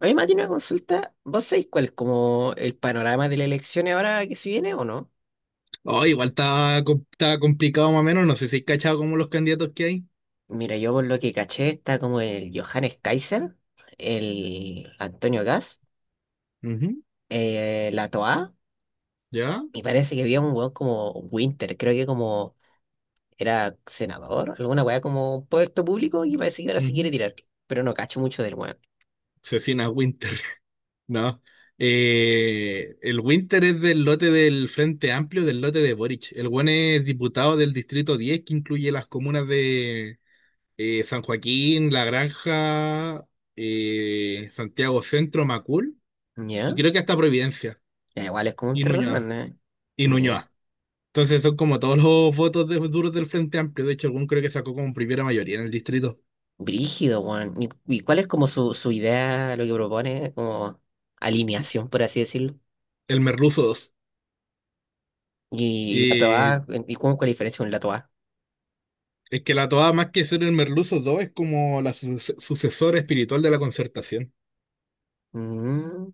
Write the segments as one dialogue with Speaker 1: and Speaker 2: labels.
Speaker 1: A mí tiene una consulta. ¿Vos sabéis cuál es como el panorama de las elecciones ahora que se viene o no?
Speaker 2: Oh, igual está, com- está complicado más o menos. No sé si hay cachado como los candidatos que hay.
Speaker 1: Mira, yo por lo que caché está como el Johannes Kaiser, el Antonio Gas,
Speaker 2: Ujú.
Speaker 1: la Toa,
Speaker 2: ¿Ya?
Speaker 1: y parece que había un weón como Winter, creo que como era senador, alguna weá como un puesto público y parece que ahora se
Speaker 2: Ujú.
Speaker 1: quiere tirar, pero no cacho mucho del weón.
Speaker 2: Cecina Winter. No. El Winter es del lote del Frente Amplio, del lote de Boric. El buen es diputado del Distrito 10, que incluye las comunas de San Joaquín, La Granja, Santiago Centro, Macul, y
Speaker 1: ¿Ya?
Speaker 2: creo que hasta Providencia
Speaker 1: Ya, igual es como un
Speaker 2: y
Speaker 1: terror, ¿no?
Speaker 2: Nuñoa. Y
Speaker 1: ¿Ya?
Speaker 2: Nuñoa. Entonces son como todos los votos de, duros del Frente Amplio. De hecho, algún creo que sacó como primera mayoría en el distrito.
Speaker 1: Brígido, weón. ¿Y cuál es como su idea, lo que propone, como alineación, por así decirlo?
Speaker 2: El Merluzo dos.
Speaker 1: Y la
Speaker 2: Y
Speaker 1: toa, ¿y cómo es la diferencia con la toa?
Speaker 2: es que la toada, más que ser el Merluzo dos, es como la su- sucesora espiritual de la Concertación.
Speaker 1: Mm,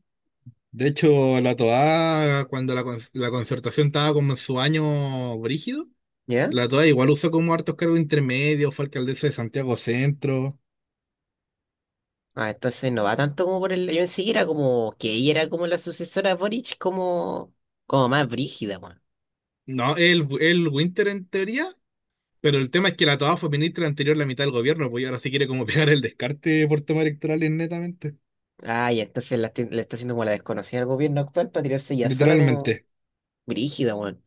Speaker 2: De hecho, la toada, cuando la, con- la Concertación estaba como en su año brígido,
Speaker 1: ¿ya?
Speaker 2: la toada igual usó como hartos cargos intermedios, fue alcaldesa de Santiago Centro.
Speaker 1: Ah, entonces no va tanto como por el… Yo en sí era como que ella era como la sucesora de Boric, como, como más brígida, weón.
Speaker 2: No, el Winter en teoría. Pero el tema es que la Toa fue ministra anterior la mitad del gobierno, pues, y ahora se quiere como pegar el descarte por temas electorales netamente.
Speaker 1: Ah, y entonces la está haciendo como la desconocida del gobierno actual para tirarse ya sola como
Speaker 2: Literalmente.
Speaker 1: brígida, weón.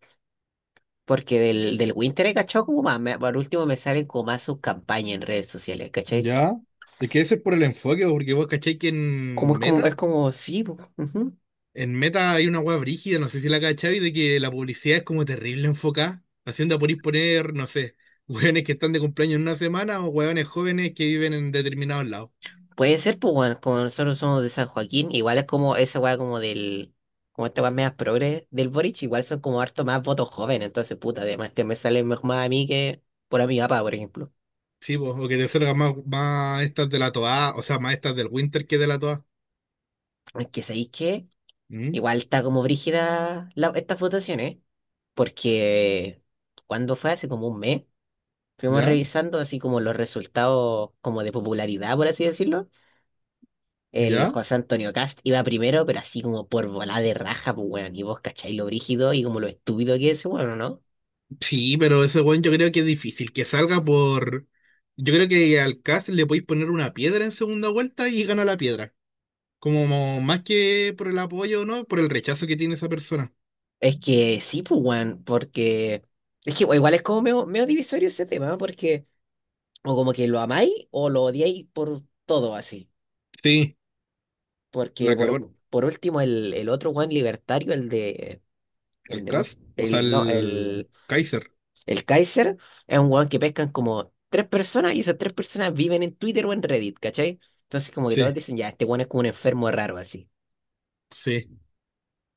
Speaker 1: Porque del Winter he cachado como más, por último me salen como más sus campañas en redes sociales, ¿cachai?
Speaker 2: ¿Ya? Es que ese es por el enfoque, pues, porque vos cacháis que
Speaker 1: Sí, po, ujú.
Speaker 2: En Meta hay una hueá brígida, no sé si la cacháis, de que la publicidad es como terrible enfocada, haciendo por ir poner, no sé, hueones que están de cumpleaños en una semana o hueones jóvenes que viven en determinados lados.
Speaker 1: Puede ser, pues, bueno, como nosotros somos de San Joaquín, igual es como esa weá como del, como esta weá media progres del Boric, igual son como harto más votos jóvenes, entonces, puta, además que me sale mejor más a mí que por a mi papá, por ejemplo.
Speaker 2: Sí, pues, o que te salgan más, más estas de la Toa, o sea, más estas del Winter que de la Toa.
Speaker 1: Es que sabéis qué
Speaker 2: ¿Mm?
Speaker 1: igual está como brígida estas votaciones, porque cuando fue hace como un mes, fuimos
Speaker 2: ¿Ya?
Speaker 1: revisando así como los resultados como de popularidad, por así decirlo. El
Speaker 2: ¿Ya?
Speaker 1: José Antonio Cast iba primero, pero así como por volada de raja, pues weón. Y vos cacháis lo brígido y como lo estúpido que es, bueno, ¿no?
Speaker 2: Sí, pero ese weón yo creo que es difícil que salga por. Yo creo que al Cast le podéis poner una piedra en segunda vuelta y gana la piedra. Como más que por el apoyo, ¿no? Por el rechazo que tiene esa persona.
Speaker 1: Es que sí, pues weón, porque. Es que igual es como medio divisorio ese tema, ¿ah? Porque o como que lo amáis o lo odiáis por todo así.
Speaker 2: Sí,
Speaker 1: Porque
Speaker 2: la cagó
Speaker 1: por último, el otro weón libertario, el de. El
Speaker 2: el
Speaker 1: de.
Speaker 2: Cast, o sea,
Speaker 1: El, no,
Speaker 2: el
Speaker 1: el.
Speaker 2: Kaiser.
Speaker 1: El Kaiser es un weón que pescan como tres personas y esas tres personas viven en Twitter o en Reddit, ¿cachai? Entonces como que todos
Speaker 2: Sí,
Speaker 1: dicen, ya, este weón es como un enfermo raro así.
Speaker 2: sí.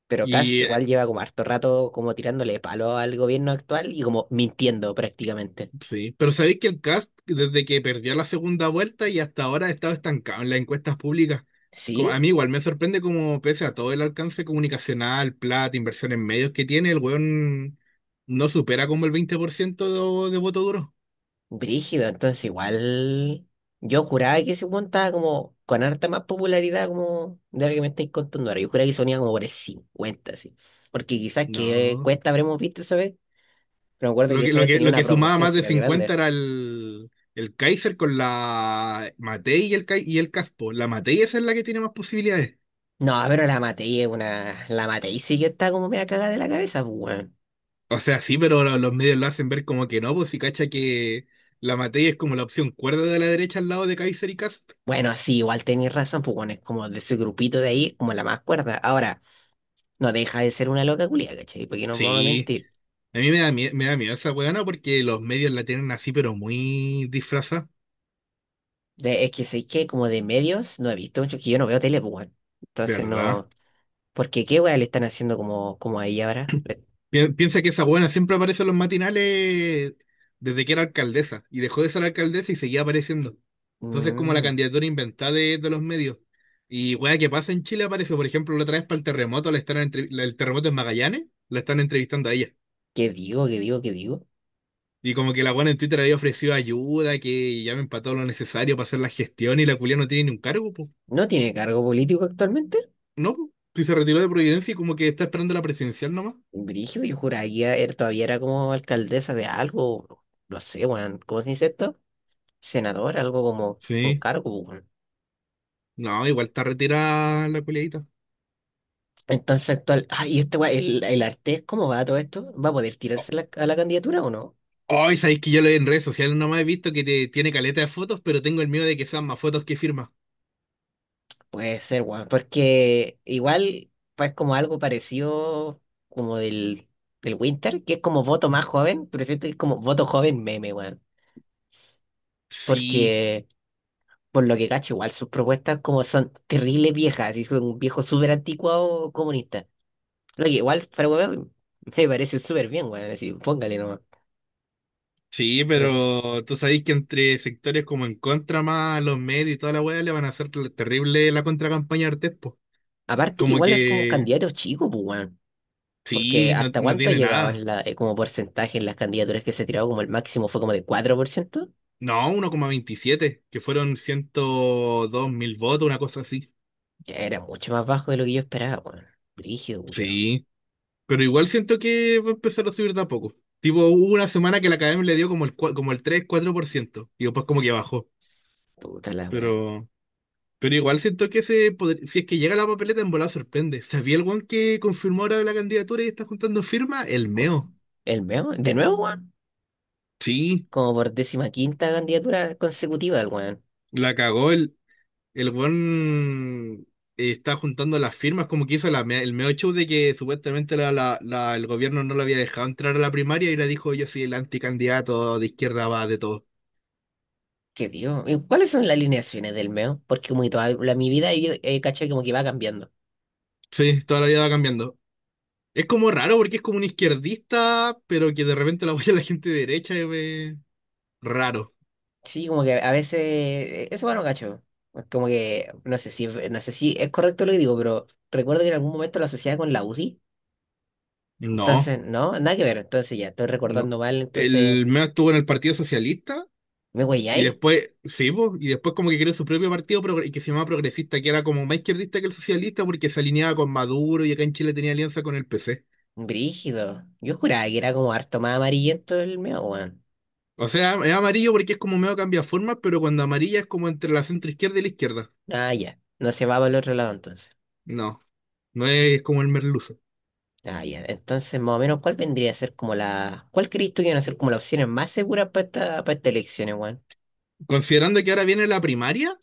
Speaker 1: Pero Kast
Speaker 2: Y
Speaker 1: igual lleva como harto rato como tirándole palo al gobierno actual y como mintiendo prácticamente.
Speaker 2: Sí, pero sabéis que el cast, desde que perdió la segunda vuelta y hasta ahora, ha estado estancado en las encuestas públicas. Como- a
Speaker 1: Sí,
Speaker 2: mí igual me sorprende como, pese a todo el alcance comunicacional, plata, inversión en medios que tiene, el weón no supera como el 20% de voto duro.
Speaker 1: brígido, entonces igual yo juraba que ese weón estaba como con harta más popularidad como de lo que me estáis contando ahora. Yo juraba que sonía como por el 50 así. Porque quizás que
Speaker 2: No.
Speaker 1: cuesta habremos visto esa vez, pero me acuerdo
Speaker 2: Lo
Speaker 1: que
Speaker 2: que,
Speaker 1: esa
Speaker 2: lo
Speaker 1: vez
Speaker 2: que,
Speaker 1: tenía
Speaker 2: lo
Speaker 1: una
Speaker 2: que sumaba
Speaker 1: proporción
Speaker 2: más de
Speaker 1: súper
Speaker 2: 50
Speaker 1: grande.
Speaker 2: era el Kaiser con la Matei y el, Kai- y el Caspo. La Matei esa es la que tiene más posibilidades.
Speaker 1: No, pero la Matei es una. La Matei sí que está como media cagada de la cabeza, pues, weón.
Speaker 2: O sea, sí, pero lo- los medios lo hacen ver como que no, pues, si cacha que la materia es como la opción cuerda de la derecha al lado de Kaiser y Cast.
Speaker 1: Bueno, sí, igual tenéis razón, pues, weón, es como de ese grupito de ahí, como la más cuerda. Ahora, no deja de ser una loca culia, ¿cachai? Porque no puedo
Speaker 2: Sí,
Speaker 1: mentir.
Speaker 2: a mí me da, mie- me da miedo esa weona porque los medios la tienen así, pero muy disfrazada,
Speaker 1: Es que sé que como de medios no he visto mucho, que yo no veo tele, pues, weón. Entonces
Speaker 2: ¿verdad?
Speaker 1: no. Porque qué weón le están haciendo como, como ahí ahora.
Speaker 2: Pi- piensa que esa buena siempre aparece en los matinales desde que era alcaldesa, y dejó de ser alcaldesa y seguía apareciendo. Entonces, como la
Speaker 1: Mm,
Speaker 2: candidatura inventada de los medios. Y weá, ¿qué pasa en Chile? Aparece, por ejemplo, la otra vez para el terremoto, la están entrevi- la- el terremoto en Magallanes, la están entrevistando a ella.
Speaker 1: ¿qué digo? ¿Qué digo? ¿Qué digo?
Speaker 2: Y como que la buena en Twitter había ofrecido ayuda, que ya me empató lo necesario para hacer la gestión, y la culia no tiene ni un cargo, pues.
Speaker 1: ¿No tiene cargo político actualmente?
Speaker 2: No, po. Si se retiró de Providencia y como que está esperando la presidencial nomás.
Speaker 1: Brígido, yo juraría, él todavía era como alcaldesa de algo. No sé, weón. ¿Cómo se dice esto? Senador, algo como un
Speaker 2: Sí.
Speaker 1: cargo. Weón.
Speaker 2: No, igual está retirada la culiadita.
Speaker 1: Entonces actual, ah, y este weón, el Artés, ¿cómo va todo esto? ¿Va a poder
Speaker 2: O-
Speaker 1: tirarse a la candidatura o no?
Speaker 2: hoy sabéis que yo lo en redes sociales nomás he visto que te- tiene caleta de fotos, pero tengo el miedo de que sean más fotos que firmas.
Speaker 1: Puede ser, weón, porque igual pues como algo parecido como del, del Winter, que es como voto
Speaker 2: Mm.
Speaker 1: más joven, pero siento que es como voto joven meme, weón.
Speaker 2: Sí,
Speaker 1: Porque por lo que cacho, igual sus propuestas como son terribles viejas, y son un viejo súper anticuado comunista. Lo que igual, para weón, me parece súper bien, weón, así, póngale nomás.
Speaker 2: sí, pero tú sabéis que entre sectores como en contra más los medios y toda la weá le van a hacer terrible la contracampaña a Artés, po.
Speaker 1: Aparte que
Speaker 2: Como
Speaker 1: igual es como un
Speaker 2: que
Speaker 1: candidato chico, pues, weón. Porque
Speaker 2: sí, no,
Speaker 1: hasta
Speaker 2: no
Speaker 1: cuánto ha
Speaker 2: tiene
Speaker 1: llegado en
Speaker 2: nada.
Speaker 1: la, como porcentaje en las candidaturas que se tiraba, como el máximo fue como de 4%,
Speaker 2: No, 1,27, que fueron 102.000 votos, una cosa así.
Speaker 1: que era mucho más bajo de lo que yo esperaba, weón. Brígido, culiao.
Speaker 2: Sí, pero igual siento que va a empezar a subir de a poco. Tipo, hubo una semana que la Academia le dio como el, cua- como el 3 4%. Y después como que bajó.
Speaker 1: Puta la weá.
Speaker 2: Pero, pero igual siento que se podr- si es que llega la papeleta en volada sorprende. ¿Sabía el weón que confirmó ahora la candidatura y está juntando firma? El Meo.
Speaker 1: Weón. El meo, de nuevo, weón.
Speaker 2: Sí,
Speaker 1: Como por décima quinta candidatura consecutiva del weón.
Speaker 2: la cagó. El buen está juntando las firmas, como que hizo la me- el medio show de que supuestamente la- la- la- el gobierno no lo había dejado entrar a la primaria y le dijo, yo soy el anticandidato de izquierda va de todo.
Speaker 1: Qué dios. ¿Y cuáles son las alineaciones del meo? Porque como que toda la, mi vida he cachado como que va cambiando.
Speaker 2: Sí, toda la vida va cambiando. Es como raro porque es como un izquierdista, pero que de repente la apoya la gente de derecha. Es raro.
Speaker 1: Sí, como que a veces, eso bueno, cacho. Como que, no sé si es correcto lo que digo, pero recuerdo que en algún momento lo asociaba con la UDI.
Speaker 2: No,
Speaker 1: Entonces, no, nada que ver. Entonces ya estoy
Speaker 2: no.
Speaker 1: recordando mal. Entonces,
Speaker 2: El medio estuvo en el Partido Socialista.
Speaker 1: ¿me
Speaker 2: Y
Speaker 1: ahí?
Speaker 2: después, sí, po, y después como que creó su propio partido progre- que se llamaba Progresista, que era como más izquierdista que el socialista porque se alineaba con Maduro y acá en Chile tenía alianza con el PC.
Speaker 1: Brígido. Yo juraba que era como harto más amarillento el mío, weón.
Speaker 2: O sea, es amarillo porque es como medio cambia formas, pero cuando amarilla es como entre la centro izquierda y la izquierda.
Speaker 1: Ah, ya. No se va para el otro lado entonces.
Speaker 2: No, no es como el merluzo.
Speaker 1: Ah, ya. Entonces, más o menos, ¿cuál vendría a ser como la. ¿Cuál crees tú que van a ser como las opciones más seguras para estas elecciones, weón?
Speaker 2: Considerando que ahora viene la primaria,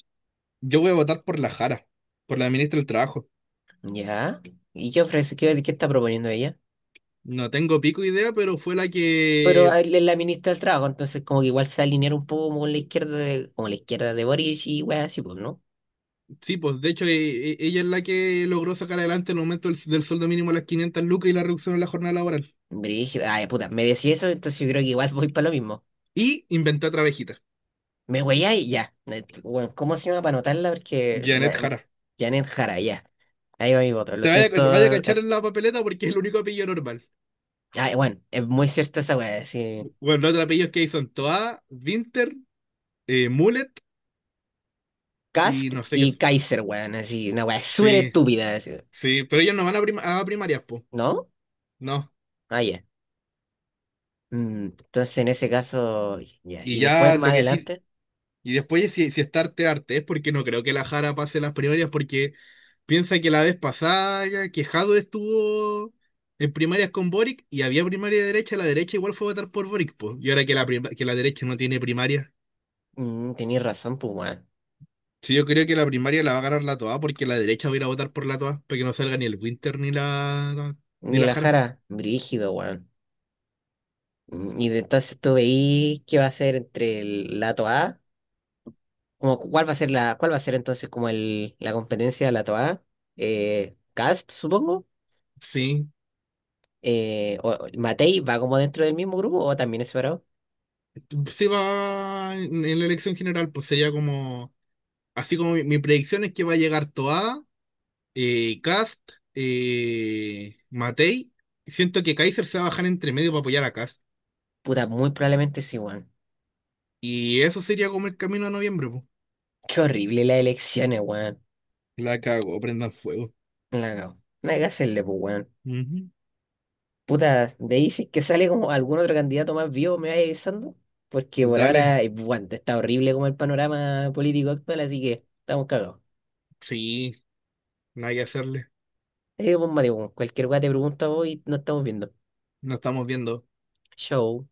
Speaker 2: yo voy a votar por la Jara, por la ministra del Trabajo.
Speaker 1: Ya. ¿Y qué ofrece? ¿Qué está proponiendo ella?
Speaker 2: No tengo pico idea, pero fue la
Speaker 1: Pero
Speaker 2: que,
Speaker 1: él es la ministra del Trabajo, entonces como que igual se alinearon un poco como con la izquierda de, como la izquierda de Boric y weas así, pues, ¿no?
Speaker 2: sí, pues, de hecho, e- e- ella es la que logró sacar adelante el aumento del, del sueldo mínimo a las 500 lucas y la reducción en la jornada laboral.
Speaker 1: Brígido, ay, puta, me decís eso, entonces yo creo que igual voy para lo mismo.
Speaker 2: Y inventé otra abejita.
Speaker 1: Me y ya. Bueno, ¿cómo se llama para anotarla? Porque
Speaker 2: Janet Jara.
Speaker 1: Janet Jara, ya. Ahí va mi voto. Lo
Speaker 2: Te vaya, vaya a
Speaker 1: siento.
Speaker 2: cachar en la papeleta porque es el único apellido normal.
Speaker 1: Ay, bueno, es muy cierta esa wea, así.
Speaker 2: Bueno, los otros apellidos que hay son Toa, Winter, Mullet y
Speaker 1: Cast
Speaker 2: no sé qué.
Speaker 1: y Kaiser, weón, así, una wea súper
Speaker 2: Sí,
Speaker 1: estúpida, así,
Speaker 2: sí, pero ellos no van a, prim- a primarias, po.
Speaker 1: ¿no?
Speaker 2: No.
Speaker 1: Ah, ya. Mm, entonces en ese caso, ya.
Speaker 2: Y
Speaker 1: Y después
Speaker 2: ya
Speaker 1: más
Speaker 2: lo que sí.
Speaker 1: adelante,
Speaker 2: Y después, si, si está arte, arte, es porque no creo que la Jara pase las primarias porque piensa que la vez pasada, ya que Jado estuvo en primarias con Boric y había primaria de derecha, la derecha igual fue a votar por Boric, po. Y ahora que la, prim- que la derecha no tiene primaria.
Speaker 1: mm, tenías razón, pues, weón.
Speaker 2: Sí, yo creo que la primaria la va a ganar la Toa porque la derecha va a ir a votar por la Toa para que no salga ni el Winter ni la ni
Speaker 1: Ni
Speaker 2: la
Speaker 1: la
Speaker 2: Jara.
Speaker 1: Jara, brígido, weón. Mm, entonces tú veís qué va a ser entre el, la TOA, como cuál va a ser la, cuál va a ser entonces como el, la competencia de la TOA, Cast, supongo,
Speaker 2: Sí,
Speaker 1: o Matei va como dentro del mismo grupo o también es separado.
Speaker 2: sí va en la elección general, pues sería como, así como mi predicción es que va a llegar Toa, Kast, Matei. Siento que Kaiser se va a bajar entre medio para apoyar a Kast.
Speaker 1: Puta, muy probablemente sí, weón.
Speaker 2: Y eso sería como el camino a noviembre, pues.
Speaker 1: Qué horrible las elecciones, weón.
Speaker 2: La cago, prendan fuego.
Speaker 1: La cago. No hay que hacerle, pues, weón.
Speaker 2: Ujú.
Speaker 1: Puta, me dices que sale como algún otro candidato más vivo, me vaya avisando, porque por
Speaker 2: Dale.
Speaker 1: ahora, bueno, está horrible como el panorama político actual, así que estamos cagados.
Speaker 2: Sí, nada que hacerle.
Speaker 1: Pues, Mateo, cualquier weá te pregunto a vos y nos estamos viendo.
Speaker 2: Nos estamos viendo.
Speaker 1: Show